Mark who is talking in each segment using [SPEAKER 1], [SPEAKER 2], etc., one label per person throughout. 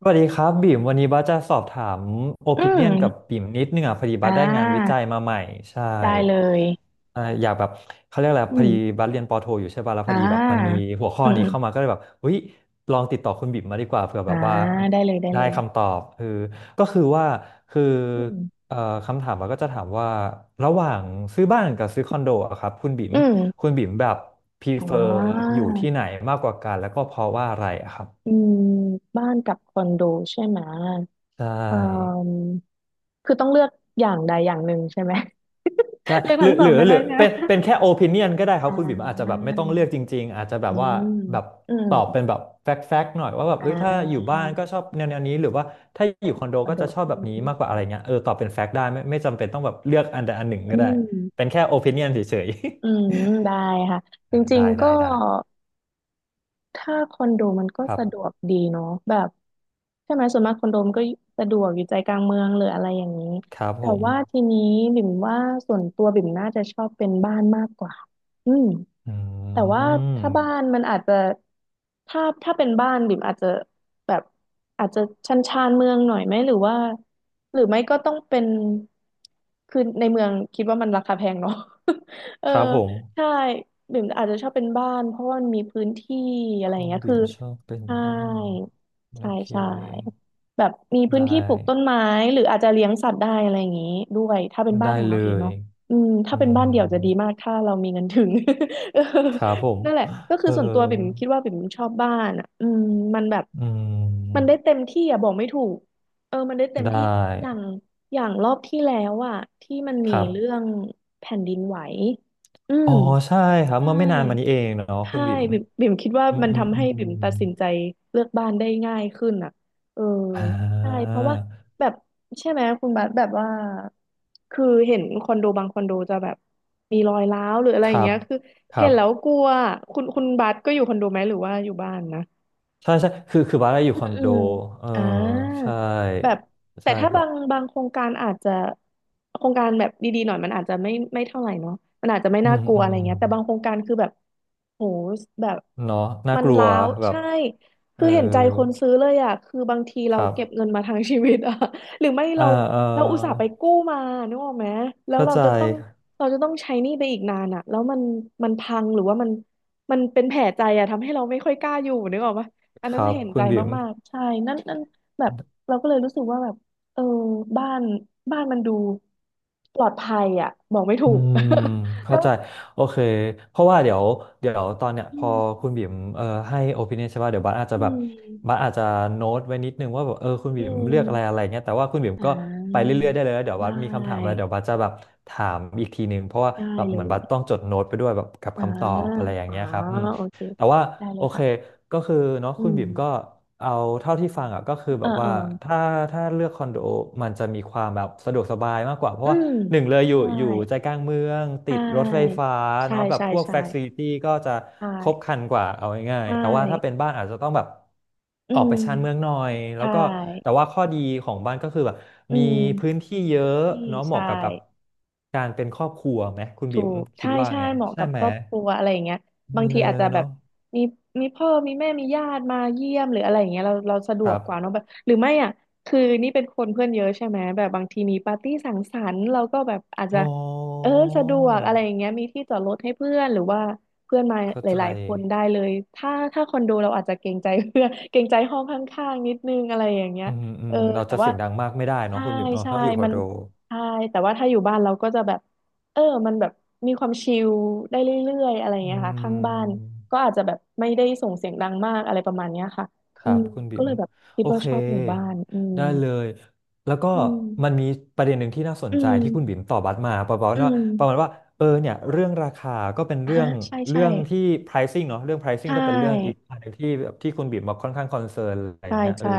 [SPEAKER 1] สวัสดีครับบิ่มวันนี้บัสจะสอบถามโอ
[SPEAKER 2] อื
[SPEAKER 1] ปิเนียนกับ
[SPEAKER 2] ม
[SPEAKER 1] บิ่มนิดนึงอ่ะพอดี
[SPEAKER 2] อ่
[SPEAKER 1] บัสได้งานวิ
[SPEAKER 2] า
[SPEAKER 1] จัยมาใหม่ใช่
[SPEAKER 2] ได้เลย
[SPEAKER 1] อยากแบบเขาเรียกอะไร
[SPEAKER 2] อื
[SPEAKER 1] พอดี
[SPEAKER 2] ม
[SPEAKER 1] บัสเรียนปอโทอยู่ใช่ป่ะแล้วพ
[SPEAKER 2] อ่
[SPEAKER 1] อดีแบบมันมี
[SPEAKER 2] า
[SPEAKER 1] หัวข้อ
[SPEAKER 2] อืมอ
[SPEAKER 1] นี้เข้า
[SPEAKER 2] ม
[SPEAKER 1] มาก็เลยแบบอุ้ยลองติดต่อคุณบิ่มมาดีกว่าเผื่อแบ
[SPEAKER 2] อ่า
[SPEAKER 1] บว่า
[SPEAKER 2] ได้เลยได้
[SPEAKER 1] ได้
[SPEAKER 2] เลย
[SPEAKER 1] คำตอบคือก็คือว่าคือ
[SPEAKER 2] อืม
[SPEAKER 1] เอ่อคำถามบัสก็จะถามว่าระหว่างซื้อบ้านกับซื้อคอนโดอะครับคุณบิ่ม
[SPEAKER 2] อืม
[SPEAKER 1] คุณบิ่มแบบ
[SPEAKER 2] อ๋
[SPEAKER 1] prefer
[SPEAKER 2] อ
[SPEAKER 1] อยู่ที่ไหนมากกว่ากันแล้วก็เพราะว่าอะไรอะครับ
[SPEAKER 2] อืม บ้านกับคอนโดใช่ไหม
[SPEAKER 1] ใช
[SPEAKER 2] เอ่
[SPEAKER 1] ่
[SPEAKER 2] อคือต้องเลือกอย่างใดอย่างหนึ่งใช่ไหม
[SPEAKER 1] ใช่
[SPEAKER 2] เลือก
[SPEAKER 1] หรื
[SPEAKER 2] ทั้
[SPEAKER 1] อ
[SPEAKER 2] งส
[SPEAKER 1] ห
[SPEAKER 2] อ
[SPEAKER 1] รื
[SPEAKER 2] ง
[SPEAKER 1] อ
[SPEAKER 2] ไม่
[SPEAKER 1] ห
[SPEAKER 2] ได้
[SPEAKER 1] รือ
[SPEAKER 2] ใช่ไหม
[SPEAKER 1] เป็นแค่โอปิเนียนก็ได้ครั
[SPEAKER 2] อ่
[SPEAKER 1] บคุณบิ่มอาจจะแบบ
[SPEAKER 2] า
[SPEAKER 1] ไม่ต้องเลือกจริงๆอาจจะแบ
[SPEAKER 2] อื
[SPEAKER 1] บว่า
[SPEAKER 2] ม
[SPEAKER 1] แบบ
[SPEAKER 2] อื
[SPEAKER 1] ตอบ
[SPEAKER 2] ม
[SPEAKER 1] เป็นแบบแฟกต์แฟกต์หน่อยว่าแบบ
[SPEAKER 2] อ่
[SPEAKER 1] เอ้ยถ้าอยู่
[SPEAKER 2] า
[SPEAKER 1] บ้านก็ชอบแนวแนวนี้หรือว่าถ้าอยู่คอนโด
[SPEAKER 2] คอน
[SPEAKER 1] ก็
[SPEAKER 2] โด
[SPEAKER 1] จะชอบแบ
[SPEAKER 2] อื
[SPEAKER 1] บนี้
[SPEAKER 2] ม
[SPEAKER 1] มากกว่าอะไรเงี้ยเออตอบเป็นแฟกต์ได้ไม่จำเป็นต้องแบบเลือกอันใดอันหนึ่ง
[SPEAKER 2] อื
[SPEAKER 1] ก็ได้
[SPEAKER 2] ม
[SPEAKER 1] เป็นแค่โอปิเนียนเฉย
[SPEAKER 2] อืมได้ค่ะ
[SPEAKER 1] ๆ
[SPEAKER 2] จ ริง
[SPEAKER 1] ได้
[SPEAKER 2] ๆก็
[SPEAKER 1] ได้ได้
[SPEAKER 2] ถ้าคอนโดมันก็
[SPEAKER 1] ครับ
[SPEAKER 2] สะดวกดีเนาะแบบใช่ไหมส่วนมากคอนโดมันก็สะดวกอยู่ใจกลางเมืองหรืออะไรอย่างนี้
[SPEAKER 1] ครับ
[SPEAKER 2] แต่
[SPEAKER 1] ผม
[SPEAKER 2] ว่าทีนี้บิ่มว่าส่วนตัวบิ่มน่าจะชอบเป็นบ้านมากกว่าอืม
[SPEAKER 1] อื
[SPEAKER 2] แต่ว่าถ้า
[SPEAKER 1] ม
[SPEAKER 2] บ้านมันอาจจะถ้าเป็นบ้านบิ่มอาจจะแบบอาจจะชันชานเมืองหน่อยไหมหรือว่าหรือไม่ก็ต้องเป็นคือในเมืองคิดว่ามันราคาแพงเนาะ เออ
[SPEAKER 1] ครับผม
[SPEAKER 2] ใช่บิ่มอาจจะชอบเป็นบ้านเพราะว่ามันมีพื้นที่อะไรอ
[SPEAKER 1] คุ
[SPEAKER 2] ย่าง
[SPEAKER 1] ณ
[SPEAKER 2] เงี้ย
[SPEAKER 1] บิ่
[SPEAKER 2] คือ
[SPEAKER 1] มชอบเป็น
[SPEAKER 2] ใช่
[SPEAKER 1] บ้านโอ
[SPEAKER 2] ใช่
[SPEAKER 1] เค
[SPEAKER 2] ใช่แบบมี
[SPEAKER 1] ได
[SPEAKER 2] พื้นที่ปลูกต้น
[SPEAKER 1] ้
[SPEAKER 2] ไม้หรืออาจจะเลี้ยงสัตว์ได้อะไรอย่างงี้ด้วยถ้าเป็นบ้า
[SPEAKER 1] ได้
[SPEAKER 2] นของ
[SPEAKER 1] เล
[SPEAKER 2] เราเอง
[SPEAKER 1] ย
[SPEAKER 2] เนาะอืม
[SPEAKER 1] อื
[SPEAKER 2] ถ้าเป็นบ้าน
[SPEAKER 1] ม
[SPEAKER 2] เดี่ยวจะดีมากถ้าเรามีเงินถึง เออ
[SPEAKER 1] ครับผม
[SPEAKER 2] นั่นแหละ ก็คื
[SPEAKER 1] เอ
[SPEAKER 2] อ
[SPEAKER 1] อ
[SPEAKER 2] ส่วนตัวปิ่มคิดว่าปิ่มชอบบ้านอ่ะอืมมันแบบ
[SPEAKER 1] อื
[SPEAKER 2] มัน
[SPEAKER 1] ม
[SPEAKER 2] ได้เต็มที่อ่ะบอกไม่ถูกเออมันได้เต็ม
[SPEAKER 1] ได
[SPEAKER 2] ที่อย่า
[SPEAKER 1] ้
[SPEAKER 2] งอย่างรอบที่แล้วอ่ะที่มัน
[SPEAKER 1] ค
[SPEAKER 2] มี
[SPEAKER 1] รับ
[SPEAKER 2] เรื่องแผ่นดินไหวอื
[SPEAKER 1] อ๋
[SPEAKER 2] ม
[SPEAKER 1] อใช่ครับ
[SPEAKER 2] ใช่
[SPEAKER 1] เมื่อไม่นานมานี้เองเนาะคุ
[SPEAKER 2] ใช่
[SPEAKER 1] ณบิ๋ม
[SPEAKER 2] บิ่มคิดว่า
[SPEAKER 1] อืม
[SPEAKER 2] มัน
[SPEAKER 1] อืม
[SPEAKER 2] ทำ
[SPEAKER 1] อื
[SPEAKER 2] ให้
[SPEAKER 1] ม
[SPEAKER 2] บิ่มตัดสินใจเลือกบ้านได้ง่ายขึ้นอ่ะเออ
[SPEAKER 1] อ่
[SPEAKER 2] ใช่
[SPEAKER 1] า
[SPEAKER 2] เพราะว่าแบบใช่ไหมคุณบาสแบบว่าคือเห็นคอนโดบางคอนโดจะแบบมีรอยร้าวหรืออะไร
[SPEAKER 1] ค
[SPEAKER 2] อย่า
[SPEAKER 1] รั
[SPEAKER 2] ง
[SPEAKER 1] บ
[SPEAKER 2] เงี้ยคือ
[SPEAKER 1] ครั
[SPEAKER 2] เห็น
[SPEAKER 1] บ
[SPEAKER 2] แล้วกลัวคุณบาสก็อยู่คอนโดไหมหรือว่าอยู่บ้านนะ
[SPEAKER 1] ใช่ใช่คือบ้านเราอยู่
[SPEAKER 2] อื
[SPEAKER 1] คอ
[SPEAKER 2] ม
[SPEAKER 1] น
[SPEAKER 2] อื
[SPEAKER 1] โด
[SPEAKER 2] ม
[SPEAKER 1] เออ
[SPEAKER 2] อ่า
[SPEAKER 1] ใช่
[SPEAKER 2] แบบแต่
[SPEAKER 1] ใช่
[SPEAKER 2] ถ้า
[SPEAKER 1] ครั
[SPEAKER 2] บา
[SPEAKER 1] บ
[SPEAKER 2] งบางโครงการอาจจะโครงการแบบดีๆหน่อยมันอาจจะไม่เท่าไหร่เนาะมันอาจจะไม่
[SPEAKER 1] อื
[SPEAKER 2] น่า
[SPEAKER 1] ม
[SPEAKER 2] กลัว
[SPEAKER 1] อื
[SPEAKER 2] อะไร
[SPEAKER 1] ม
[SPEAKER 2] เงี้ยแต่บางโครงการคือแบบโหแบบ
[SPEAKER 1] เนาะน่า
[SPEAKER 2] มัน
[SPEAKER 1] กลัว
[SPEAKER 2] ล้าว
[SPEAKER 1] แบบ
[SPEAKER 2] ใช่
[SPEAKER 1] เอ
[SPEAKER 2] คื
[SPEAKER 1] อ
[SPEAKER 2] อเห็นใจคนซื้อเลยอ่ะคือบางที
[SPEAKER 1] ค
[SPEAKER 2] เรา
[SPEAKER 1] รับ
[SPEAKER 2] เก็บเงินมาทั้งชีวิตอ่ะ หรือไม่
[SPEAKER 1] อ่า
[SPEAKER 2] เรา
[SPEAKER 1] เออ
[SPEAKER 2] อุตส่าห์ไปกู้มานึกออกไหมแล้ว
[SPEAKER 1] เข้า
[SPEAKER 2] เรา
[SPEAKER 1] ใจ
[SPEAKER 2] จะต้องเราจะต้องใช้หนี้ไปอีกนานอ่ะแล้วมันพังหรือว่ามันเป็นแผลใจอ่ะทำให้เราไม่ค่อยกล้าอยู่นึกออกปะ อั
[SPEAKER 1] ค
[SPEAKER 2] นนั้น
[SPEAKER 1] รับ
[SPEAKER 2] เห็น
[SPEAKER 1] คุ
[SPEAKER 2] ใจ
[SPEAKER 1] ณบิ๋ม
[SPEAKER 2] มากๆใช่นั่นนั่นแบบเราก็เลยรู้สึกว่าแบบเออบ้านบ้านมันดูปลอดภัยอ่ะบอกไม่ถู
[SPEAKER 1] อื
[SPEAKER 2] ก
[SPEAKER 1] ม
[SPEAKER 2] แล้
[SPEAKER 1] เข้า
[SPEAKER 2] ว
[SPEAKER 1] ใจโอเคเพราะว่าเดี๋ยวเดี๋ยวตอนเนี้ยพ
[SPEAKER 2] อื
[SPEAKER 1] อ
[SPEAKER 2] ม
[SPEAKER 1] คุณบิ่มให้โอปิเนียใช่ป่ะเดี๋ยวบัสอาจจะ
[SPEAKER 2] อื
[SPEAKER 1] แบบบั
[SPEAKER 2] ม
[SPEAKER 1] สอาจจะโน้ตไว้นิดนึงว่าแบบเออคุณ
[SPEAKER 2] อื
[SPEAKER 1] บิ่ม
[SPEAKER 2] ม
[SPEAKER 1] เลือกอะไรอะไรเงี้ยแต่ว่าคุณบิ่ม
[SPEAKER 2] อ่
[SPEAKER 1] ก็ไป
[SPEAKER 2] า
[SPEAKER 1] เรื่อยๆได้เลยแล้วเดี๋ยว
[SPEAKER 2] ได
[SPEAKER 1] บัสมีคำถามอะไร
[SPEAKER 2] ้
[SPEAKER 1] เดี๋ยวบัสจะแบบถามอีกทีนึงเพราะว่า
[SPEAKER 2] ได้
[SPEAKER 1] แบบ
[SPEAKER 2] เล
[SPEAKER 1] เหมือนบัส
[SPEAKER 2] ย
[SPEAKER 1] ต้องจดโน้ตไปด้วยแบบกับ
[SPEAKER 2] อ่า
[SPEAKER 1] คำตอบอะไรอย่าง
[SPEAKER 2] อ๋อ
[SPEAKER 1] เงี้ยครับ
[SPEAKER 2] โอเค
[SPEAKER 1] แต่ว่า
[SPEAKER 2] ได้เล
[SPEAKER 1] โอ
[SPEAKER 2] ย
[SPEAKER 1] เค
[SPEAKER 2] ค่ะ
[SPEAKER 1] ก็คือเนาะ
[SPEAKER 2] อื
[SPEAKER 1] คุณ
[SPEAKER 2] ม
[SPEAKER 1] บิ่มก็เอาเท่าที่ฟังอ่ะก็คือ
[SPEAKER 2] เอ
[SPEAKER 1] แบ
[SPEAKER 2] อ
[SPEAKER 1] บ
[SPEAKER 2] เอ
[SPEAKER 1] ว่า
[SPEAKER 2] อ
[SPEAKER 1] ถ้าถ้าเลือกคอนโดมันจะมีความแบบสะดวกสบายมากกว่าเพ
[SPEAKER 2] อื
[SPEAKER 1] ราะว่า
[SPEAKER 2] ม
[SPEAKER 1] หนึ่งเลยอยู่
[SPEAKER 2] ใช่
[SPEAKER 1] อยู่ใจกลางเมืองติดรถไฟฟ้า
[SPEAKER 2] ใช่ใช
[SPEAKER 1] เนาะแบบ
[SPEAKER 2] ่
[SPEAKER 1] พวก
[SPEAKER 2] ใช่
[SPEAKER 1] f ฟ c ลิ i t y ก็จะ
[SPEAKER 2] ใช่
[SPEAKER 1] ครบครันกว่าเอาง่าย
[SPEAKER 2] ใช่ใช
[SPEAKER 1] ๆแต่ว่าถ้าเป็น
[SPEAKER 2] ่
[SPEAKER 1] บ้านอาจจะต้องแบบ
[SPEAKER 2] อื
[SPEAKER 1] ออกไป
[SPEAKER 2] ม
[SPEAKER 1] ชานเมืองหน่อย
[SPEAKER 2] ใช
[SPEAKER 1] แล้วก็แต่
[SPEAKER 2] ่
[SPEAKER 1] ว่าข้อดีของบ้านก็คือแบบ
[SPEAKER 2] อื
[SPEAKER 1] มี
[SPEAKER 2] ม
[SPEAKER 1] พื้นที่เย
[SPEAKER 2] พื้น
[SPEAKER 1] อะ
[SPEAKER 2] ที่
[SPEAKER 1] เนาะเห
[SPEAKER 2] ใช่
[SPEAKER 1] มาะกับแบบการเป็นครอบครัวไหมคุณ
[SPEAKER 2] ถู
[SPEAKER 1] บิ่ม
[SPEAKER 2] ก
[SPEAKER 1] คิ
[SPEAKER 2] ใช่
[SPEAKER 1] ดว่า
[SPEAKER 2] ใช่
[SPEAKER 1] ไง
[SPEAKER 2] เหมาะ
[SPEAKER 1] ใช่
[SPEAKER 2] กับ
[SPEAKER 1] ไหม
[SPEAKER 2] ครอบครัวอะไรอย่างเงี้ยบาง
[SPEAKER 1] เอ
[SPEAKER 2] ที
[SPEAKER 1] อ
[SPEAKER 2] อาจจะแบบ
[SPEAKER 1] เนาะ
[SPEAKER 2] มีพ่อมีแม่มีญาติมาเยี่ยมหรืออะไรอย่างเงี้ยเราเราสะด
[SPEAKER 1] ค
[SPEAKER 2] วก
[SPEAKER 1] รับ
[SPEAKER 2] กว่าเนอะแบบหรือไม่อ่ะคือนี่เป็นคนเพื่อนเยอะใช่ไหมแบบบางทีมีปาร์ตี้สังสรรค์เราก็แบบอาจ
[SPEAKER 1] อ๋
[SPEAKER 2] จะ
[SPEAKER 1] อ
[SPEAKER 2] เออสะดวกอะไรอย่างเงี้ยมีที่จอดรถให้เพื่อนหรือว่าเพื่อนมา
[SPEAKER 1] เข้า
[SPEAKER 2] ห
[SPEAKER 1] ใจ
[SPEAKER 2] ลายๆคนได้เลยถ้าคอนโดเราอาจจะเกรงใจ เพื่อนเกรงใจห้องข้างๆนิดนึงอะไรอย่างเงี้ย
[SPEAKER 1] อืมอื
[SPEAKER 2] เอ
[SPEAKER 1] ม
[SPEAKER 2] อ
[SPEAKER 1] เรา
[SPEAKER 2] แต่
[SPEAKER 1] จะเสี
[SPEAKER 2] ว่า
[SPEAKER 1] ยงดังมากไม่ได้เนาะ
[SPEAKER 2] ใช่
[SPEAKER 1] คุณบิ๊มเนาะ
[SPEAKER 2] ใช่
[SPEAKER 1] ถ้าอยู่คอ
[SPEAKER 2] มั
[SPEAKER 1] น
[SPEAKER 2] น
[SPEAKER 1] โด
[SPEAKER 2] ใช่ แต่ว่าถ้าอยู่บ้านเราก็จะแบบเออมันแบบมีความชิลได้เรื่อยๆอะไรอย่าง
[SPEAKER 1] อื
[SPEAKER 2] เงี้ยค่ะข้างบ้านก็
[SPEAKER 1] ม
[SPEAKER 2] อาจจะแบบไม่ได้ส่งเสียงดังมากอะไรประมาณเนี้ยค่ะ
[SPEAKER 1] ค
[SPEAKER 2] อื
[SPEAKER 1] รั
[SPEAKER 2] ม
[SPEAKER 1] บคุณ
[SPEAKER 2] ก็
[SPEAKER 1] บิ๋
[SPEAKER 2] เล
[SPEAKER 1] ม
[SPEAKER 2] ยแบบคิ
[SPEAKER 1] โอ
[SPEAKER 2] ดว่า
[SPEAKER 1] เค
[SPEAKER 2] ชอบหมู่บ้านอืม
[SPEAKER 1] ได้เลยแล้วก็
[SPEAKER 2] อื
[SPEAKER 1] มัน
[SPEAKER 2] ม
[SPEAKER 1] มีประเด็นหนึ่งที่น่าส
[SPEAKER 2] อื
[SPEAKER 1] นใจที่คุณ
[SPEAKER 2] ม
[SPEAKER 1] บิ๋มตอบบัสมาประมา
[SPEAKER 2] อื
[SPEAKER 1] ณว่า
[SPEAKER 2] ม
[SPEAKER 1] ประมาณว่าเออเนี่ยเรื่องราคาก็เป็น
[SPEAKER 2] อ่า
[SPEAKER 1] เรื่อง
[SPEAKER 2] ใช่ใช่
[SPEAKER 1] เรื่องที่ pricing เนาะเรื่อง
[SPEAKER 2] ใช
[SPEAKER 1] pricing ก็เป็นเรื่องอีก
[SPEAKER 2] ่
[SPEAKER 1] อันหนึ่งที่แบบที่คุณบิ๋มมาค่อนข้างคอนเซิร์นอะไรอ
[SPEAKER 2] ใช่
[SPEAKER 1] ย่างเงี้ยเออ
[SPEAKER 2] ใช่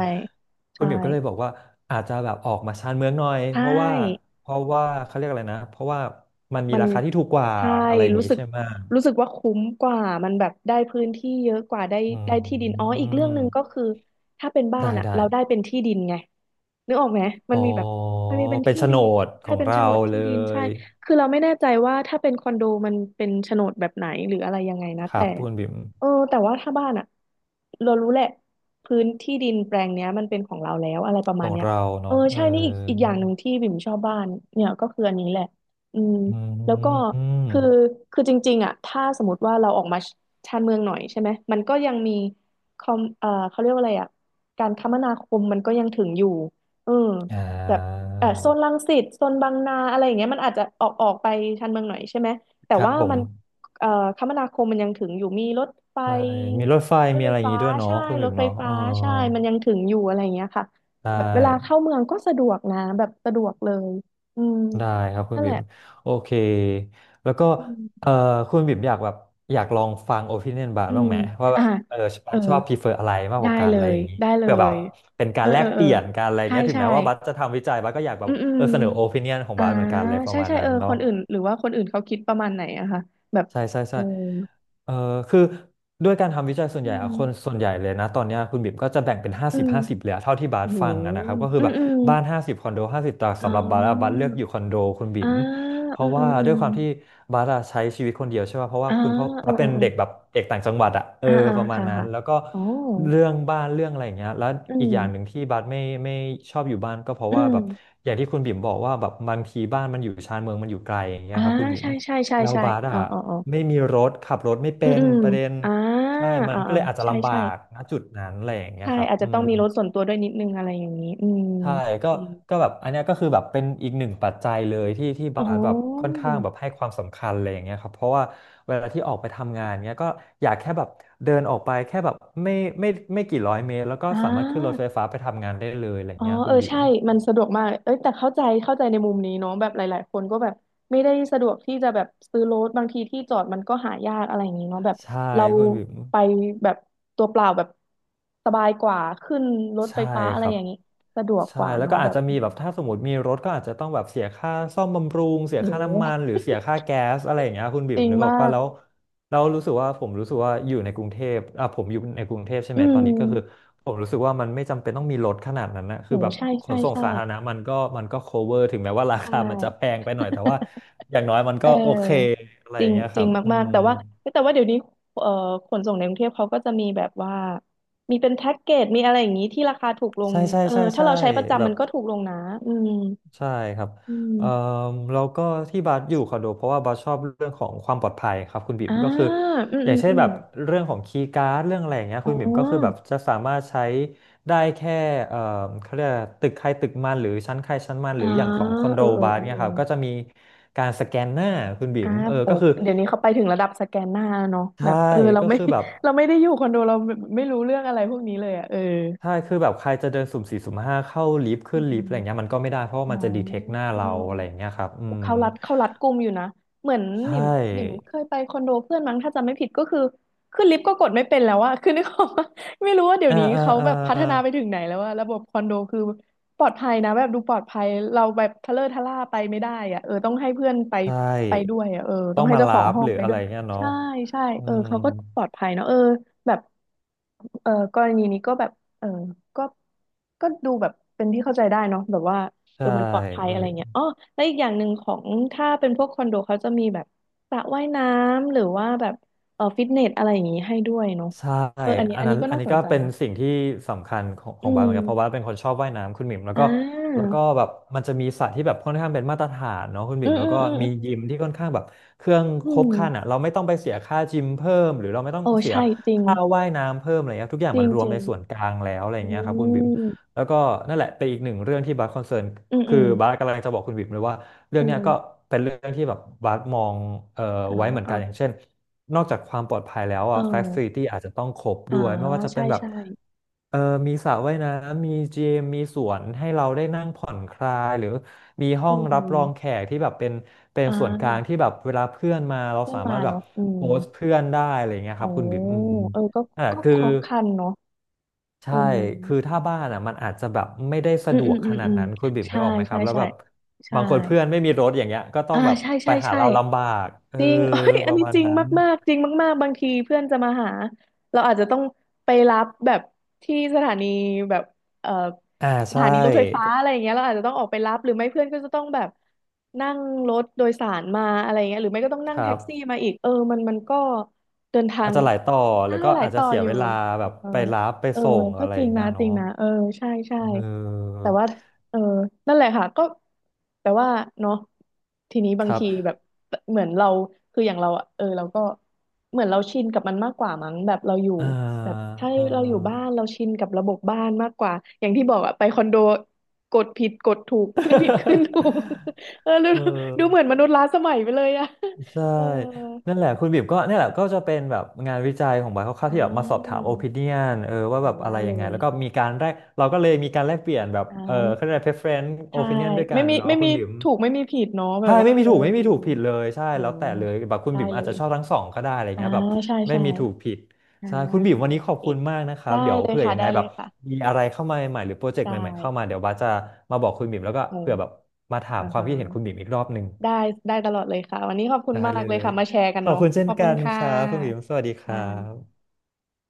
[SPEAKER 1] คุณ
[SPEAKER 2] ใช่
[SPEAKER 1] บิ๋มก็เลยบอกว่าอาจจะแบบออกมาชานเมืองหน่อย
[SPEAKER 2] ใช
[SPEAKER 1] เพราะว่า
[SPEAKER 2] ่
[SPEAKER 1] เพราะว่าเขาเรียกอะไรนะเพราะว่ามันมี
[SPEAKER 2] มัน
[SPEAKER 1] ราคาที่ถูกกว่า
[SPEAKER 2] ใช่
[SPEAKER 1] อะไรอย่าง
[SPEAKER 2] รู้
[SPEAKER 1] งี้
[SPEAKER 2] สึก
[SPEAKER 1] ใช่ไหม
[SPEAKER 2] รู้สึกว่าคุ้มกว่ามันแบบได้พื้นที่เยอะกว่าได้
[SPEAKER 1] อื
[SPEAKER 2] ที่ดินอ๋ออีกเรื่องหนึ่ง
[SPEAKER 1] ม
[SPEAKER 2] ก็คือถ้าเป็นบ้าน
[SPEAKER 1] ได้
[SPEAKER 2] อ่ะ
[SPEAKER 1] ได้
[SPEAKER 2] เราได้เป็นที่ดินไงนึกออกไหมมั
[SPEAKER 1] อ๋อ
[SPEAKER 2] นมีแบบมันมีเป็น
[SPEAKER 1] เป็น
[SPEAKER 2] ที่
[SPEAKER 1] โฉ
[SPEAKER 2] ดิ
[SPEAKER 1] น
[SPEAKER 2] น
[SPEAKER 1] ดข
[SPEAKER 2] ใช่
[SPEAKER 1] อง
[SPEAKER 2] เป็นโฉ
[SPEAKER 1] เรา
[SPEAKER 2] นด
[SPEAKER 1] เล
[SPEAKER 2] ที่ดินใช่
[SPEAKER 1] ย
[SPEAKER 2] คือเราไม่แน่ใจว่าถ้าเป็นคอนโดมันเป็นโฉนดแบบไหนหรืออะไรยังไงนะ
[SPEAKER 1] ครั
[SPEAKER 2] แต่
[SPEAKER 1] บคุณบิ๋ม
[SPEAKER 2] เออแต่ว่าถ้าบ้านอ่ะเรารู้แหละพื้นที่ดินแปลงเนี้ยมันเป็นของเราแล้วอะไรประ
[SPEAKER 1] ข
[SPEAKER 2] มาณ
[SPEAKER 1] อง
[SPEAKER 2] เนี้ย
[SPEAKER 1] เรา
[SPEAKER 2] เออ
[SPEAKER 1] เนาะเออ
[SPEAKER 2] ใช่นี่อีกอย่างหนึ่งที่บิ่มชอบบ้านเนี่ยก็คืออันนี้แหละอืม
[SPEAKER 1] อ
[SPEAKER 2] แล้ว
[SPEAKER 1] ื
[SPEAKER 2] ก็คือ
[SPEAKER 1] ม
[SPEAKER 2] คือจริงๆอ่ะถ้าสมมติว่าเราออกมาชานเมืองหน่อยใช่ไหมมันก็ยังมีคอมเอ่อเขาเรียกว่าอะไรอ่ะการคมนาคมมันก็ยังถึงอยู่เออ
[SPEAKER 1] อ่
[SPEAKER 2] แบบ
[SPEAKER 1] า
[SPEAKER 2] เออโซนรังสิตโซนบางนาอะไรอย่างเงี้ยมันอาจจะออกไปชานเมืองหน่อยใช่ไหมแต่
[SPEAKER 1] ครับ
[SPEAKER 2] ว่า
[SPEAKER 1] ผม
[SPEAKER 2] มันเอ่อคมนาคมมันยังถึงอยู่ มีรถไฟ
[SPEAKER 1] ใช่มีรถไฟ
[SPEAKER 2] รถ
[SPEAKER 1] มี
[SPEAKER 2] ไฟ
[SPEAKER 1] อะไรอย่าง
[SPEAKER 2] ฟ้า
[SPEAKER 1] งี้ด้วยเนาะ
[SPEAKER 2] ใช่
[SPEAKER 1] คุณ
[SPEAKER 2] ร
[SPEAKER 1] บิ๋
[SPEAKER 2] ถ
[SPEAKER 1] ม
[SPEAKER 2] ไฟ
[SPEAKER 1] เนาะเอ
[SPEAKER 2] ฟ้า
[SPEAKER 1] อ
[SPEAKER 2] ใช่มันยังถึงอยู่อะไรอย่างเงี้ยค่ะ
[SPEAKER 1] ได
[SPEAKER 2] แบบเวลาเข้า
[SPEAKER 1] ้
[SPEAKER 2] เมืองก็สะดวกนะแบบสะดวกเลยอืม
[SPEAKER 1] ได้ครับคุณ
[SPEAKER 2] นั่นแห
[SPEAKER 1] บิ่
[SPEAKER 2] ละ
[SPEAKER 1] มโอเคแล้วก็เอ่อคุณบิ่มอยากแบบอยากลองฟังโอปิเนียนบา
[SPEAKER 2] อื
[SPEAKER 1] ร์บ้าง
[SPEAKER 2] ม
[SPEAKER 1] ไหมว่าแบ
[SPEAKER 2] อ่ะ
[SPEAKER 1] บเออบั
[SPEAKER 2] เออ
[SPEAKER 1] สชอบพรีเฟอร์อะไรมากก
[SPEAKER 2] ได้
[SPEAKER 1] ว่ากัน
[SPEAKER 2] เล
[SPEAKER 1] อะไรอ
[SPEAKER 2] ย
[SPEAKER 1] ย่างนี้
[SPEAKER 2] ได้เล
[SPEAKER 1] เพื่อแบบ
[SPEAKER 2] ย
[SPEAKER 1] เป็นกา
[SPEAKER 2] เอ
[SPEAKER 1] ร
[SPEAKER 2] อ
[SPEAKER 1] แล
[SPEAKER 2] เอ
[SPEAKER 1] ก
[SPEAKER 2] อเอ
[SPEAKER 1] เป
[SPEAKER 2] อ
[SPEAKER 1] ลี่ยนกันอะไร
[SPEAKER 2] ใช่
[SPEAKER 1] เงี้ยถึง
[SPEAKER 2] ใช่
[SPEAKER 1] แม้ว่าบัสจะทำวิจัยบัสก็อยากแบ
[SPEAKER 2] อื
[SPEAKER 1] บ
[SPEAKER 2] มอืม
[SPEAKER 1] เออเสนอโอปิเนียนของ
[SPEAKER 2] อ่า
[SPEAKER 1] บัสเหมือนกันอะไรประ
[SPEAKER 2] ใช่
[SPEAKER 1] มาณ
[SPEAKER 2] ใช่
[SPEAKER 1] นั้
[SPEAKER 2] เอ
[SPEAKER 1] น
[SPEAKER 2] อค
[SPEAKER 1] เนาะ
[SPEAKER 2] นอื่นหรือว่าคนอื่นเขาคิดประมาณไหนอะคะแบบ
[SPEAKER 1] ใช่ใช่
[SPEAKER 2] เอ
[SPEAKER 1] ใช่
[SPEAKER 2] อ
[SPEAKER 1] เออคือด้วยการทำวิจัยส่วน
[SPEAKER 2] อื
[SPEAKER 1] ใหญ่อะ
[SPEAKER 2] ม
[SPEAKER 1] คนส่วนใหญ่เลยนะตอนเนี้ยคุณบิ่มก็จะแบ่งเป็น
[SPEAKER 2] อื
[SPEAKER 1] 50
[SPEAKER 2] ม
[SPEAKER 1] 50เลยอะเท่าที่บา
[SPEAKER 2] โอ้
[SPEAKER 1] ส
[SPEAKER 2] โห
[SPEAKER 1] ฟังอะนะครับก็คือ
[SPEAKER 2] อื
[SPEAKER 1] แบ
[SPEAKER 2] ม
[SPEAKER 1] บ
[SPEAKER 2] อืม
[SPEAKER 1] บ้าน50คอนโด50แต่
[SPEAKER 2] อ่
[SPEAKER 1] สำหรับบาสอะบาส
[SPEAKER 2] า
[SPEAKER 1] เลือกอยู่คอนโดคุณบิ่
[SPEAKER 2] อ่า
[SPEAKER 1] มเพ
[SPEAKER 2] อื
[SPEAKER 1] ราะ
[SPEAKER 2] มอื
[SPEAKER 1] ว่า
[SPEAKER 2] มอื
[SPEAKER 1] ด้วย
[SPEAKER 2] ม
[SPEAKER 1] ความที่บาสอะใช้ชีวิตคนเดียวใช่ป่ะเพราะว่า
[SPEAKER 2] อ่า
[SPEAKER 1] คุณพ่อ
[SPEAKER 2] เออ
[SPEAKER 1] บาส
[SPEAKER 2] เอ
[SPEAKER 1] เป็
[SPEAKER 2] อ
[SPEAKER 1] น
[SPEAKER 2] เออ
[SPEAKER 1] เด็กแบบเด็กต่างจังหวัดอะ
[SPEAKER 2] อ่าอ่า
[SPEAKER 1] ประมาณ
[SPEAKER 2] ค่ะ
[SPEAKER 1] นั้น
[SPEAKER 2] ค่ะ
[SPEAKER 1] แล้วก็
[SPEAKER 2] อ๋อ
[SPEAKER 1] เรื่องบ้านเรื่องอะไรอย่างเงี้ยแล้ว
[SPEAKER 2] อื
[SPEAKER 1] อีกอย่างหนึ่ง
[SPEAKER 2] ม
[SPEAKER 1] ที่บาสไม่ชอบอยู่บ้านก็เพราะ
[SPEAKER 2] อื
[SPEAKER 1] ว่า
[SPEAKER 2] ม
[SPEAKER 1] แบบอย่างที่คุณบิ่มบอกว่าแบบบางทีบ้านมันอยู่ชานเมืองมันอยู่ไกลอย่างเงี้ย
[SPEAKER 2] อ่า
[SPEAKER 1] ครับคุณบิม
[SPEAKER 2] ใช่ใช่ใช่
[SPEAKER 1] แล้ว
[SPEAKER 2] ใช่
[SPEAKER 1] บาส
[SPEAKER 2] อ๋
[SPEAKER 1] อ่ะ
[SPEAKER 2] ออ๋ออ๋อ
[SPEAKER 1] ไม่มีรถขับรถไม่
[SPEAKER 2] อื
[SPEAKER 1] เป็
[SPEAKER 2] ม
[SPEAKER 1] น
[SPEAKER 2] อืม
[SPEAKER 1] ประเด็น
[SPEAKER 2] อ่า
[SPEAKER 1] ใช่มัน
[SPEAKER 2] อ่า
[SPEAKER 1] ก็
[SPEAKER 2] อ่า
[SPEAKER 1] เลยอาจจะ
[SPEAKER 2] ใช่
[SPEAKER 1] ลำบา
[SPEAKER 2] ใช่
[SPEAKER 1] กณจุดนั้นอะไรอย่างเงี้ย
[SPEAKER 2] ใช่
[SPEAKER 1] ครับ
[SPEAKER 2] อาจ
[SPEAKER 1] อื
[SPEAKER 2] จะต้อ
[SPEAKER 1] ม
[SPEAKER 2] งมีรถส่วนตัวด้วยนิดนึงอะไรอย่างนี้อืม
[SPEAKER 1] ใช่ก็
[SPEAKER 2] อืม
[SPEAKER 1] ก็แบบอันเนี้ยก็คือแบบเป็นอีกหนึ่งปัจจัยเลยที่
[SPEAKER 2] โอ
[SPEAKER 1] บาสแบบค่
[SPEAKER 2] ้
[SPEAKER 1] อนข้างแบบให้ความสำคัญอะไรอย่างเงี้ยครับเพราะว่าเวลาที่ออกไปทำงานเงี้ยก็อยากแค่แบบเดินออกไปแค่แบบไม่ไม่ไม่กี่ร้อยเมตรแล้วก็
[SPEAKER 2] อ่
[SPEAKER 1] สามารถขึ้นรถไฟ
[SPEAKER 2] า
[SPEAKER 1] ฟ้าไปทำงานได้เลยอะไร
[SPEAKER 2] อ๋อ
[SPEAKER 1] เงี้ยคุ
[SPEAKER 2] เอ
[SPEAKER 1] ณ
[SPEAKER 2] อ
[SPEAKER 1] บิ๋
[SPEAKER 2] ใช่
[SPEAKER 1] ม
[SPEAKER 2] มันสะดวกมากเอ้ยแต่เข้าใจเข้าใจในมุมนี้เนาะแบบหลายๆคนก็แบบไม่ได้สะดวกที่จะแบบซื้อรถบางทีที่จอดมันก็หายากอะไรอย่างนี้เนาะแบบ
[SPEAKER 1] ใช่
[SPEAKER 2] เรา
[SPEAKER 1] คุณบิ๋ม
[SPEAKER 2] ไปแบบตัวเปล่าแบบสบายกว่าขึ้นรถไฟ
[SPEAKER 1] ใช่
[SPEAKER 2] ฟ้าอะ
[SPEAKER 1] ค
[SPEAKER 2] ไร
[SPEAKER 1] รั
[SPEAKER 2] อ
[SPEAKER 1] บ
[SPEAKER 2] ย่างนี้สะดวก
[SPEAKER 1] ใช่
[SPEAKER 2] กว่า
[SPEAKER 1] แล้ว
[SPEAKER 2] เนาะ
[SPEAKER 1] ก็
[SPEAKER 2] แบ
[SPEAKER 1] อาจ
[SPEAKER 2] บ
[SPEAKER 1] จะ
[SPEAKER 2] อื
[SPEAKER 1] มี
[SPEAKER 2] ม
[SPEAKER 1] แบบถ้าสมมติมีรถก็อาจจะต้องแบบเสียค่าซ่อมบำรุงเสียค่าน้ำมั
[SPEAKER 2] โห
[SPEAKER 1] นหรือเสียค่าแก๊สอะไรอย่างเงี้ยคุณ
[SPEAKER 2] จ
[SPEAKER 1] บิ่ม
[SPEAKER 2] ริง
[SPEAKER 1] นึกออ
[SPEAKER 2] มา
[SPEAKER 1] กป่ะ
[SPEAKER 2] ก
[SPEAKER 1] แล้วเรารู้สึกว่าผมรู้สึกว่าอยู่ในกรุงเทพอ่ะผมอยู่ในกรุงเทพใช่
[SPEAKER 2] อื
[SPEAKER 1] ไหมตอนนี้ก็คือ
[SPEAKER 2] ม
[SPEAKER 1] ผมรู้สึกว่ามันไม่จำเป็นต้องมีรถขนาดนั้นนะ
[SPEAKER 2] โห
[SPEAKER 1] คือแบบ
[SPEAKER 2] ใช่
[SPEAKER 1] ข
[SPEAKER 2] ใช่
[SPEAKER 1] นส่ง
[SPEAKER 2] ใช่
[SPEAKER 1] สาธารณะมันก็ cover ถึงแม้ว่ารา
[SPEAKER 2] ใช่
[SPEAKER 1] คามันจะแพงไปหน่อยแต่ว่า
[SPEAKER 2] เออ
[SPEAKER 1] อะไร
[SPEAKER 2] จ
[SPEAKER 1] อ
[SPEAKER 2] ริง
[SPEAKER 1] ย่างเงี้ย
[SPEAKER 2] จ
[SPEAKER 1] ค
[SPEAKER 2] ริ
[SPEAKER 1] รั
[SPEAKER 2] ง
[SPEAKER 1] บอื
[SPEAKER 2] มากๆ
[SPEAKER 1] ม
[SPEAKER 2] แต่ว่าแต่ว่าเดี๋ยวนี้เอ่อขนส่งในกรุงเทพเขาก็จะมีแบบว่ามีเป็นแพ็กเกจมีอะไรอย่างนี้ที่ราคาถูกลง
[SPEAKER 1] ใช่ใช่ใช่
[SPEAKER 2] ถ้า
[SPEAKER 1] ใช่
[SPEAKER 2] เราใช้ประ
[SPEAKER 1] แบ
[SPEAKER 2] จำมั
[SPEAKER 1] บ
[SPEAKER 2] นก็ถูกลงนะอืม
[SPEAKER 1] ใช่ครับ
[SPEAKER 2] อื
[SPEAKER 1] เอ่อ
[SPEAKER 2] ม
[SPEAKER 1] แล้วก็ที่บาสอยู่คอนโดเพราะว่าบาสชอบเรื่องของความปลอดภัยครับคุณบิ่ม
[SPEAKER 2] อ่า
[SPEAKER 1] ก็คือ
[SPEAKER 2] อืม
[SPEAKER 1] อ
[SPEAKER 2] อื
[SPEAKER 1] ย่าง
[SPEAKER 2] ม
[SPEAKER 1] เช่
[SPEAKER 2] อื
[SPEAKER 1] น
[SPEAKER 2] ม
[SPEAKER 1] แบบเรื่องของคีย์การ์ดเรื่องอะไรอย่างเงี้ย
[SPEAKER 2] อ๋
[SPEAKER 1] คุณบิ่มก็คือแบบ
[SPEAKER 2] อ
[SPEAKER 1] จะสามารถใช้ได้แค่เอ่อเขาเรียกอะไรตึกใครตึกมันหรือชั้นใครชั้นมันห
[SPEAKER 2] อ่า
[SPEAKER 1] รืออย่างของคอนโด
[SPEAKER 2] เออเออ
[SPEAKER 1] บาส
[SPEAKER 2] เออ
[SPEAKER 1] เนี่
[SPEAKER 2] เอ
[SPEAKER 1] ย
[SPEAKER 2] อ
[SPEAKER 1] ครับก็จะมีการสแกนหน้าคุณบิ่
[SPEAKER 2] อ่า
[SPEAKER 1] มเออ
[SPEAKER 2] โอ้
[SPEAKER 1] ก็คือ
[SPEAKER 2] เดี๋ยวนี้เขาไปถึงระดับสแกนหน้าแล้วเนาะแบ
[SPEAKER 1] ใช่
[SPEAKER 2] บเรา
[SPEAKER 1] ก็
[SPEAKER 2] ไม่
[SPEAKER 1] คือแบบ
[SPEAKER 2] เราไม่ได้อยู่คอนโดเราไม่ไม่รู้เรื่องอะไรพวกนี้เลยอ่ะเออ
[SPEAKER 1] ใช่คือแบบใครจะเดินสุ่มสี่สุ่มห้าเข้าลิฟต์
[SPEAKER 2] อื
[SPEAKER 1] ขึ้นลิฟต์อะไรเงี้ย
[SPEAKER 2] ม
[SPEAKER 1] มันก็ไม่ได้เพราะว่า
[SPEAKER 2] อ๋อ
[SPEAKER 1] มันจะดีเทคหน้า
[SPEAKER 2] เออ
[SPEAKER 1] เราอะไรอย่างเงี้ยครับอืม
[SPEAKER 2] เขารัดเขารัดกุมอยู่นะเหมือนห
[SPEAKER 1] ใช่
[SPEAKER 2] นิมหนิมเคยไปคอนโดเพื่อนมั้งถ้าจำไม่ผิดก็คือขึ้นลิฟต์ก็กดไม่เป็นแล้วอะคือนึกออกปะ ไม่รู้ว่าเดี๋ยว
[SPEAKER 1] อ่า
[SPEAKER 2] นี้
[SPEAKER 1] อ่า
[SPEAKER 2] เขา
[SPEAKER 1] อ่า
[SPEAKER 2] แบบพัฒนาไปถึงไหนแล้วอะระบบคอนโดคือปลอดภัยนะแบบดูปลอดภัยเราแบบทะเลอะทะล่าไปไม่ได้อะต้องให้เพื่อนไป
[SPEAKER 1] ใช
[SPEAKER 2] ไปด้
[SPEAKER 1] ่
[SPEAKER 2] วยอะ
[SPEAKER 1] ต้
[SPEAKER 2] ต้อ
[SPEAKER 1] อ
[SPEAKER 2] ง
[SPEAKER 1] ง
[SPEAKER 2] ให้
[SPEAKER 1] มา
[SPEAKER 2] เจ้าข
[SPEAKER 1] รั
[SPEAKER 2] อง
[SPEAKER 1] บ
[SPEAKER 2] ห้อ
[SPEAKER 1] ห
[SPEAKER 2] ง
[SPEAKER 1] รือ
[SPEAKER 2] ไป
[SPEAKER 1] อะ
[SPEAKER 2] ด้
[SPEAKER 1] ไร
[SPEAKER 2] วย
[SPEAKER 1] เงี้ยเนาะ
[SPEAKER 2] ใช่ใช่
[SPEAKER 1] อื
[SPEAKER 2] เออ
[SPEAKER 1] ม
[SPEAKER 2] เขาก็ปลอดภัยเนาะเออแบบกรณีนี้ก็แบบ เออก็ดูแบบเป็นที่เข้าใจได้เนาะแบบว่าเอ
[SPEAKER 1] ใช่
[SPEAKER 2] อมันปลอดภัย
[SPEAKER 1] คุ
[SPEAKER 2] อะ
[SPEAKER 1] ณ
[SPEAKER 2] ไร
[SPEAKER 1] วิ
[SPEAKER 2] เงี้ยอ๋อแล้วอีกอย่างหนึ่งของถ้าเป็นพวกคอนโดเขาจะมีแบบสระว่ายน้ำหรือว่าแบบฟิตเนสอะไรอย่างงี้ให้ด้วยเนาะ
[SPEAKER 1] ใช่
[SPEAKER 2] เออ
[SPEAKER 1] อัน
[SPEAKER 2] อัน
[SPEAKER 1] นั้
[SPEAKER 2] นี้
[SPEAKER 1] น
[SPEAKER 2] ก็
[SPEAKER 1] อัน
[SPEAKER 2] น่า
[SPEAKER 1] นี้
[SPEAKER 2] สน
[SPEAKER 1] ก็
[SPEAKER 2] ใจ
[SPEAKER 1] เป็น
[SPEAKER 2] นะ
[SPEAKER 1] สิ่งที่สำคัญของข
[SPEAKER 2] อื
[SPEAKER 1] องบาสเหมือนกันเพราะว่า
[SPEAKER 2] ม
[SPEAKER 1] เป็นคนชอบว่ายน้ำคุณหมิมแล้ว
[SPEAKER 2] อ่
[SPEAKER 1] ก็แล้ว
[SPEAKER 2] า
[SPEAKER 1] ก็แบบมันจะมีสระที่แบบค่อนข้างเป็นมาตรฐานเนาะคุณหมิ
[SPEAKER 2] อื
[SPEAKER 1] ม
[SPEAKER 2] ม
[SPEAKER 1] แล้
[SPEAKER 2] อื
[SPEAKER 1] ว
[SPEAKER 2] ม
[SPEAKER 1] ก็
[SPEAKER 2] อืม
[SPEAKER 1] มี
[SPEAKER 2] อื
[SPEAKER 1] ยิม
[SPEAKER 2] ม
[SPEAKER 1] ที่ค่อนข้างแบบเครื่อง
[SPEAKER 2] อื
[SPEAKER 1] ครบครันอ่ะ
[SPEAKER 2] ม
[SPEAKER 1] เราไม่ต้องไปเสียค่าจิมเพิ่มหรือเราไม่ต้อง
[SPEAKER 2] โอ้
[SPEAKER 1] เสีย
[SPEAKER 2] ใช่จริง
[SPEAKER 1] ค่าว่ายน้ำเพิ่มอะไรเงี้ยทุกอย่า
[SPEAKER 2] จ
[SPEAKER 1] ง
[SPEAKER 2] ริ
[SPEAKER 1] มัน
[SPEAKER 2] ง
[SPEAKER 1] ร
[SPEAKER 2] จ
[SPEAKER 1] วม
[SPEAKER 2] ริ
[SPEAKER 1] ใน
[SPEAKER 2] ง
[SPEAKER 1] ส่วนกลางแล้วอะไร
[SPEAKER 2] อื
[SPEAKER 1] เงี้ยครับคุณบิม
[SPEAKER 2] ม
[SPEAKER 1] แล้วก็นั่นแหละเป็นอีกหนึ่งเรื่องที่บาสคอนเซิร์น
[SPEAKER 2] อืมอื
[SPEAKER 1] คือ
[SPEAKER 2] ม
[SPEAKER 1] บาสกำลังจะบอกคุณบิมเลยว่าเรื่อ
[SPEAKER 2] อื
[SPEAKER 1] งเนี้ยก็
[SPEAKER 2] ม
[SPEAKER 1] เป็นเรื่องที่แบบบาสมองเอ่อ
[SPEAKER 2] อ่า
[SPEAKER 1] ไว้เหมือน
[SPEAKER 2] อ่า
[SPEAKER 1] กันอย่างเช่น นอกจากความปลอดภัยแล้ว
[SPEAKER 2] เอ
[SPEAKER 1] อ่ะ
[SPEAKER 2] อ
[SPEAKER 1] Facility อาจจะต้องครบ
[SPEAKER 2] อ่า
[SPEAKER 1] ด้วยไม่ว่าจะ
[SPEAKER 2] ใช่
[SPEAKER 1] เป็นแบบ
[SPEAKER 2] ใช่
[SPEAKER 1] เออมีสระว่ายน้ำมีจิมมีสวนให้เราได้นั่งผ่อนคลายหรือมีห้อ
[SPEAKER 2] อื
[SPEAKER 1] งรับรองแข
[SPEAKER 2] ม
[SPEAKER 1] กที่แบบเป็นเป็
[SPEAKER 2] อ
[SPEAKER 1] นส่วนกลา
[SPEAKER 2] ่า
[SPEAKER 1] งที่แบบเวลาเพื่อนมาเรา
[SPEAKER 2] เพื่อน
[SPEAKER 1] สา
[SPEAKER 2] มา
[SPEAKER 1] มารถแบบ
[SPEAKER 2] เนาะอื
[SPEAKER 1] โพ
[SPEAKER 2] ม
[SPEAKER 1] สต์เพื่อนได้อะไรเงี้ย
[SPEAKER 2] อ๋
[SPEAKER 1] ค
[SPEAKER 2] อ
[SPEAKER 1] รับคุณบิ๊มอืม
[SPEAKER 2] เออก็
[SPEAKER 1] นั่นแหละ
[SPEAKER 2] ก็
[SPEAKER 1] คือ
[SPEAKER 2] ครบครันเนาะเอ
[SPEAKER 1] ใช่
[SPEAKER 2] อ
[SPEAKER 1] คือถ้าบ้านอ่ะมันอาจจะแบบไม่ได้
[SPEAKER 2] อื
[SPEAKER 1] สะด
[SPEAKER 2] ม อื
[SPEAKER 1] ว
[SPEAKER 2] ม
[SPEAKER 1] ก
[SPEAKER 2] อื
[SPEAKER 1] ข
[SPEAKER 2] ม
[SPEAKER 1] นา
[SPEAKER 2] อื
[SPEAKER 1] ด
[SPEAKER 2] ม
[SPEAKER 1] นั้นคุณบิ๊มนึ
[SPEAKER 2] ใช่
[SPEAKER 1] กออกไหมค
[SPEAKER 2] ใช่
[SPEAKER 1] รับแล้ว
[SPEAKER 2] ใช่
[SPEAKER 1] แบบ
[SPEAKER 2] ใช่
[SPEAKER 1] บางคนเพื่อนไม่มีรถอย่างเงี้ยก็ต้อ
[SPEAKER 2] อ่า
[SPEAKER 1] งแบบ
[SPEAKER 2] ใช่
[SPEAKER 1] ไป
[SPEAKER 2] ใช่
[SPEAKER 1] หา
[SPEAKER 2] ใช่
[SPEAKER 1] เราลำบากเออ
[SPEAKER 2] จริง เอ้ย
[SPEAKER 1] ป
[SPEAKER 2] อัน
[SPEAKER 1] ระ
[SPEAKER 2] นี้
[SPEAKER 1] มาณ
[SPEAKER 2] จริง
[SPEAKER 1] นั้น
[SPEAKER 2] มากๆจริงมากๆบางทีเพื่อนจะมาหาเราอาจจะต้องไปรับแบบที่สถานีแบบเอ่อ
[SPEAKER 1] อ่า
[SPEAKER 2] ส
[SPEAKER 1] ใช่
[SPEAKER 2] ถานีรถไฟฟ้าอะไรอย่างเงี้ยเราอาจจะต้องออกไปรับหรือไม่เพื่อนก็จะต้องแบบนั่งรถโดยสารมาอะไรอย่างเงี้ยหรือไม่ก็ต้อง
[SPEAKER 1] ค
[SPEAKER 2] นั่ง
[SPEAKER 1] รั
[SPEAKER 2] แท็
[SPEAKER 1] บ
[SPEAKER 2] กซี่มาอีกเออมันก็เดินทา
[SPEAKER 1] อาจ
[SPEAKER 2] ง
[SPEAKER 1] จะหลายต่อหรื
[SPEAKER 2] ได้
[SPEAKER 1] อก็
[SPEAKER 2] หลาย
[SPEAKER 1] อาจจะ
[SPEAKER 2] ต่อ
[SPEAKER 1] เสีย
[SPEAKER 2] อยู่
[SPEAKER 1] เวลาแบบ
[SPEAKER 2] เออ
[SPEAKER 1] ไปรับไป
[SPEAKER 2] เออ
[SPEAKER 1] ส่ง
[SPEAKER 2] ก็
[SPEAKER 1] อะไร
[SPEAKER 2] จ
[SPEAKER 1] อ
[SPEAKER 2] ริ
[SPEAKER 1] ย่า
[SPEAKER 2] ง
[SPEAKER 1] งเงี้
[SPEAKER 2] นะ
[SPEAKER 1] ย
[SPEAKER 2] จริ
[SPEAKER 1] เนาะ
[SPEAKER 2] งนะเออใช่ใช่
[SPEAKER 1] เอ
[SPEAKER 2] แต่
[SPEAKER 1] อ
[SPEAKER 2] ว่าเออนั่นแหละค่ะก็แต่ว่าเนาะทีนี้
[SPEAKER 1] ค
[SPEAKER 2] บาง
[SPEAKER 1] รับ
[SPEAKER 2] ทีแบบเหมือนเราคืออย่างเราอะเออเราก็เหมือนเราชินกับมันมากกว่ามั้งแบบเราอยู่
[SPEAKER 1] เออ
[SPEAKER 2] แบบถ้า
[SPEAKER 1] เออ
[SPEAKER 2] เราอยู่บ้านเราชินกับระบบบ้านมากกว่าอย่างที่บอกอะไปคอนโดกดผิดกดถูกขึ้นผิดขึ้นถูก เออดู
[SPEAKER 1] เอ
[SPEAKER 2] เหมือน
[SPEAKER 1] อ
[SPEAKER 2] มนุษย์ล้าสมัยไปเลยอะ
[SPEAKER 1] ใช่
[SPEAKER 2] เออ
[SPEAKER 1] นั่นแหละคุณบิบก็เนี่ยแหละก็จะเป็นแบบงานวิจัยของบอยคร่าว
[SPEAKER 2] อ่
[SPEAKER 1] ๆที่แบบมาสอบถาม
[SPEAKER 2] า
[SPEAKER 1] โอปิเอีนเออว่า
[SPEAKER 2] โห
[SPEAKER 1] แบบอะ
[SPEAKER 2] ได้
[SPEAKER 1] ไร
[SPEAKER 2] เล
[SPEAKER 1] ยังไง
[SPEAKER 2] ย
[SPEAKER 1] แล้วก็มีการแลกเราก็เลยมีการแลกเปลี่ยนแบบ
[SPEAKER 2] อ่
[SPEAKER 1] เออเขาเรียก
[SPEAKER 2] า
[SPEAKER 1] อะไร preference
[SPEAKER 2] ใช่
[SPEAKER 1] opinion ด้วยกั
[SPEAKER 2] ไม่
[SPEAKER 1] น
[SPEAKER 2] มี
[SPEAKER 1] เนาะ
[SPEAKER 2] ไม่
[SPEAKER 1] คุ
[SPEAKER 2] มี
[SPEAKER 1] ณบิ๋ม
[SPEAKER 2] ถูกไม่มีผิดเนาะแบ
[SPEAKER 1] ใช่
[SPEAKER 2] บว่า
[SPEAKER 1] ไม่มี
[SPEAKER 2] เออ
[SPEAKER 1] ถูกไม่มีถูกผิดเลยใช่
[SPEAKER 2] อื
[SPEAKER 1] แล้ว
[SPEAKER 2] ม
[SPEAKER 1] แต่เลยแบบคุณ
[SPEAKER 2] ได้
[SPEAKER 1] บิ่ม
[SPEAKER 2] เล
[SPEAKER 1] อาจจะชอบ
[SPEAKER 2] ย
[SPEAKER 1] ทั้งสองก็ได้อะไร
[SPEAKER 2] อ่า
[SPEAKER 1] เงี้ยแบบ
[SPEAKER 2] ใช่
[SPEAKER 1] ไม่
[SPEAKER 2] ใช่
[SPEAKER 1] มีถูกผิด
[SPEAKER 2] อ่า
[SPEAKER 1] ใช่คุณบิ่มวั
[SPEAKER 2] โอ
[SPEAKER 1] นนี้ขอบ
[SPEAKER 2] เค
[SPEAKER 1] คุณมากนะครับ
[SPEAKER 2] ได้
[SPEAKER 1] เดี๋ยว
[SPEAKER 2] เลย
[SPEAKER 1] เผื่อ
[SPEAKER 2] ค่ะ
[SPEAKER 1] ยัง
[SPEAKER 2] ได้
[SPEAKER 1] ไง
[SPEAKER 2] เล
[SPEAKER 1] แบ
[SPEAKER 2] ย
[SPEAKER 1] บ
[SPEAKER 2] ค่ะ
[SPEAKER 1] มีอะไรเข้ามาใหม่ๆหรือโปรเจกต์
[SPEAKER 2] ได้
[SPEAKER 1] ใหม่ๆเข้ามาเดี๋ยวบาสจะมาบอกคุณบิ่มแล้วก็
[SPEAKER 2] โอ้
[SPEAKER 1] เผื่อแบบมาถาม
[SPEAKER 2] อ่า
[SPEAKER 1] ความ
[SPEAKER 2] ฮะ
[SPEAKER 1] คิดเห็นคุณบิ่มอีกรอบหนึ่ง
[SPEAKER 2] ได้ได้ตลอดเลยค่ะวันนี้ขอบคุณ
[SPEAKER 1] ได้
[SPEAKER 2] มา
[SPEAKER 1] เล
[SPEAKER 2] กเลย
[SPEAKER 1] ย
[SPEAKER 2] ค่ะมาแชร์กัน
[SPEAKER 1] ขอบ
[SPEAKER 2] เนาะ
[SPEAKER 1] คุณเช่
[SPEAKER 2] ข
[SPEAKER 1] น
[SPEAKER 2] อบคุ
[SPEAKER 1] กั
[SPEAKER 2] ณ
[SPEAKER 1] น
[SPEAKER 2] ค่
[SPEAKER 1] ครับคุณบิ่
[SPEAKER 2] ะ
[SPEAKER 1] มสวัสดีค
[SPEAKER 2] ค
[SPEAKER 1] รั
[SPEAKER 2] ่ะ
[SPEAKER 1] บ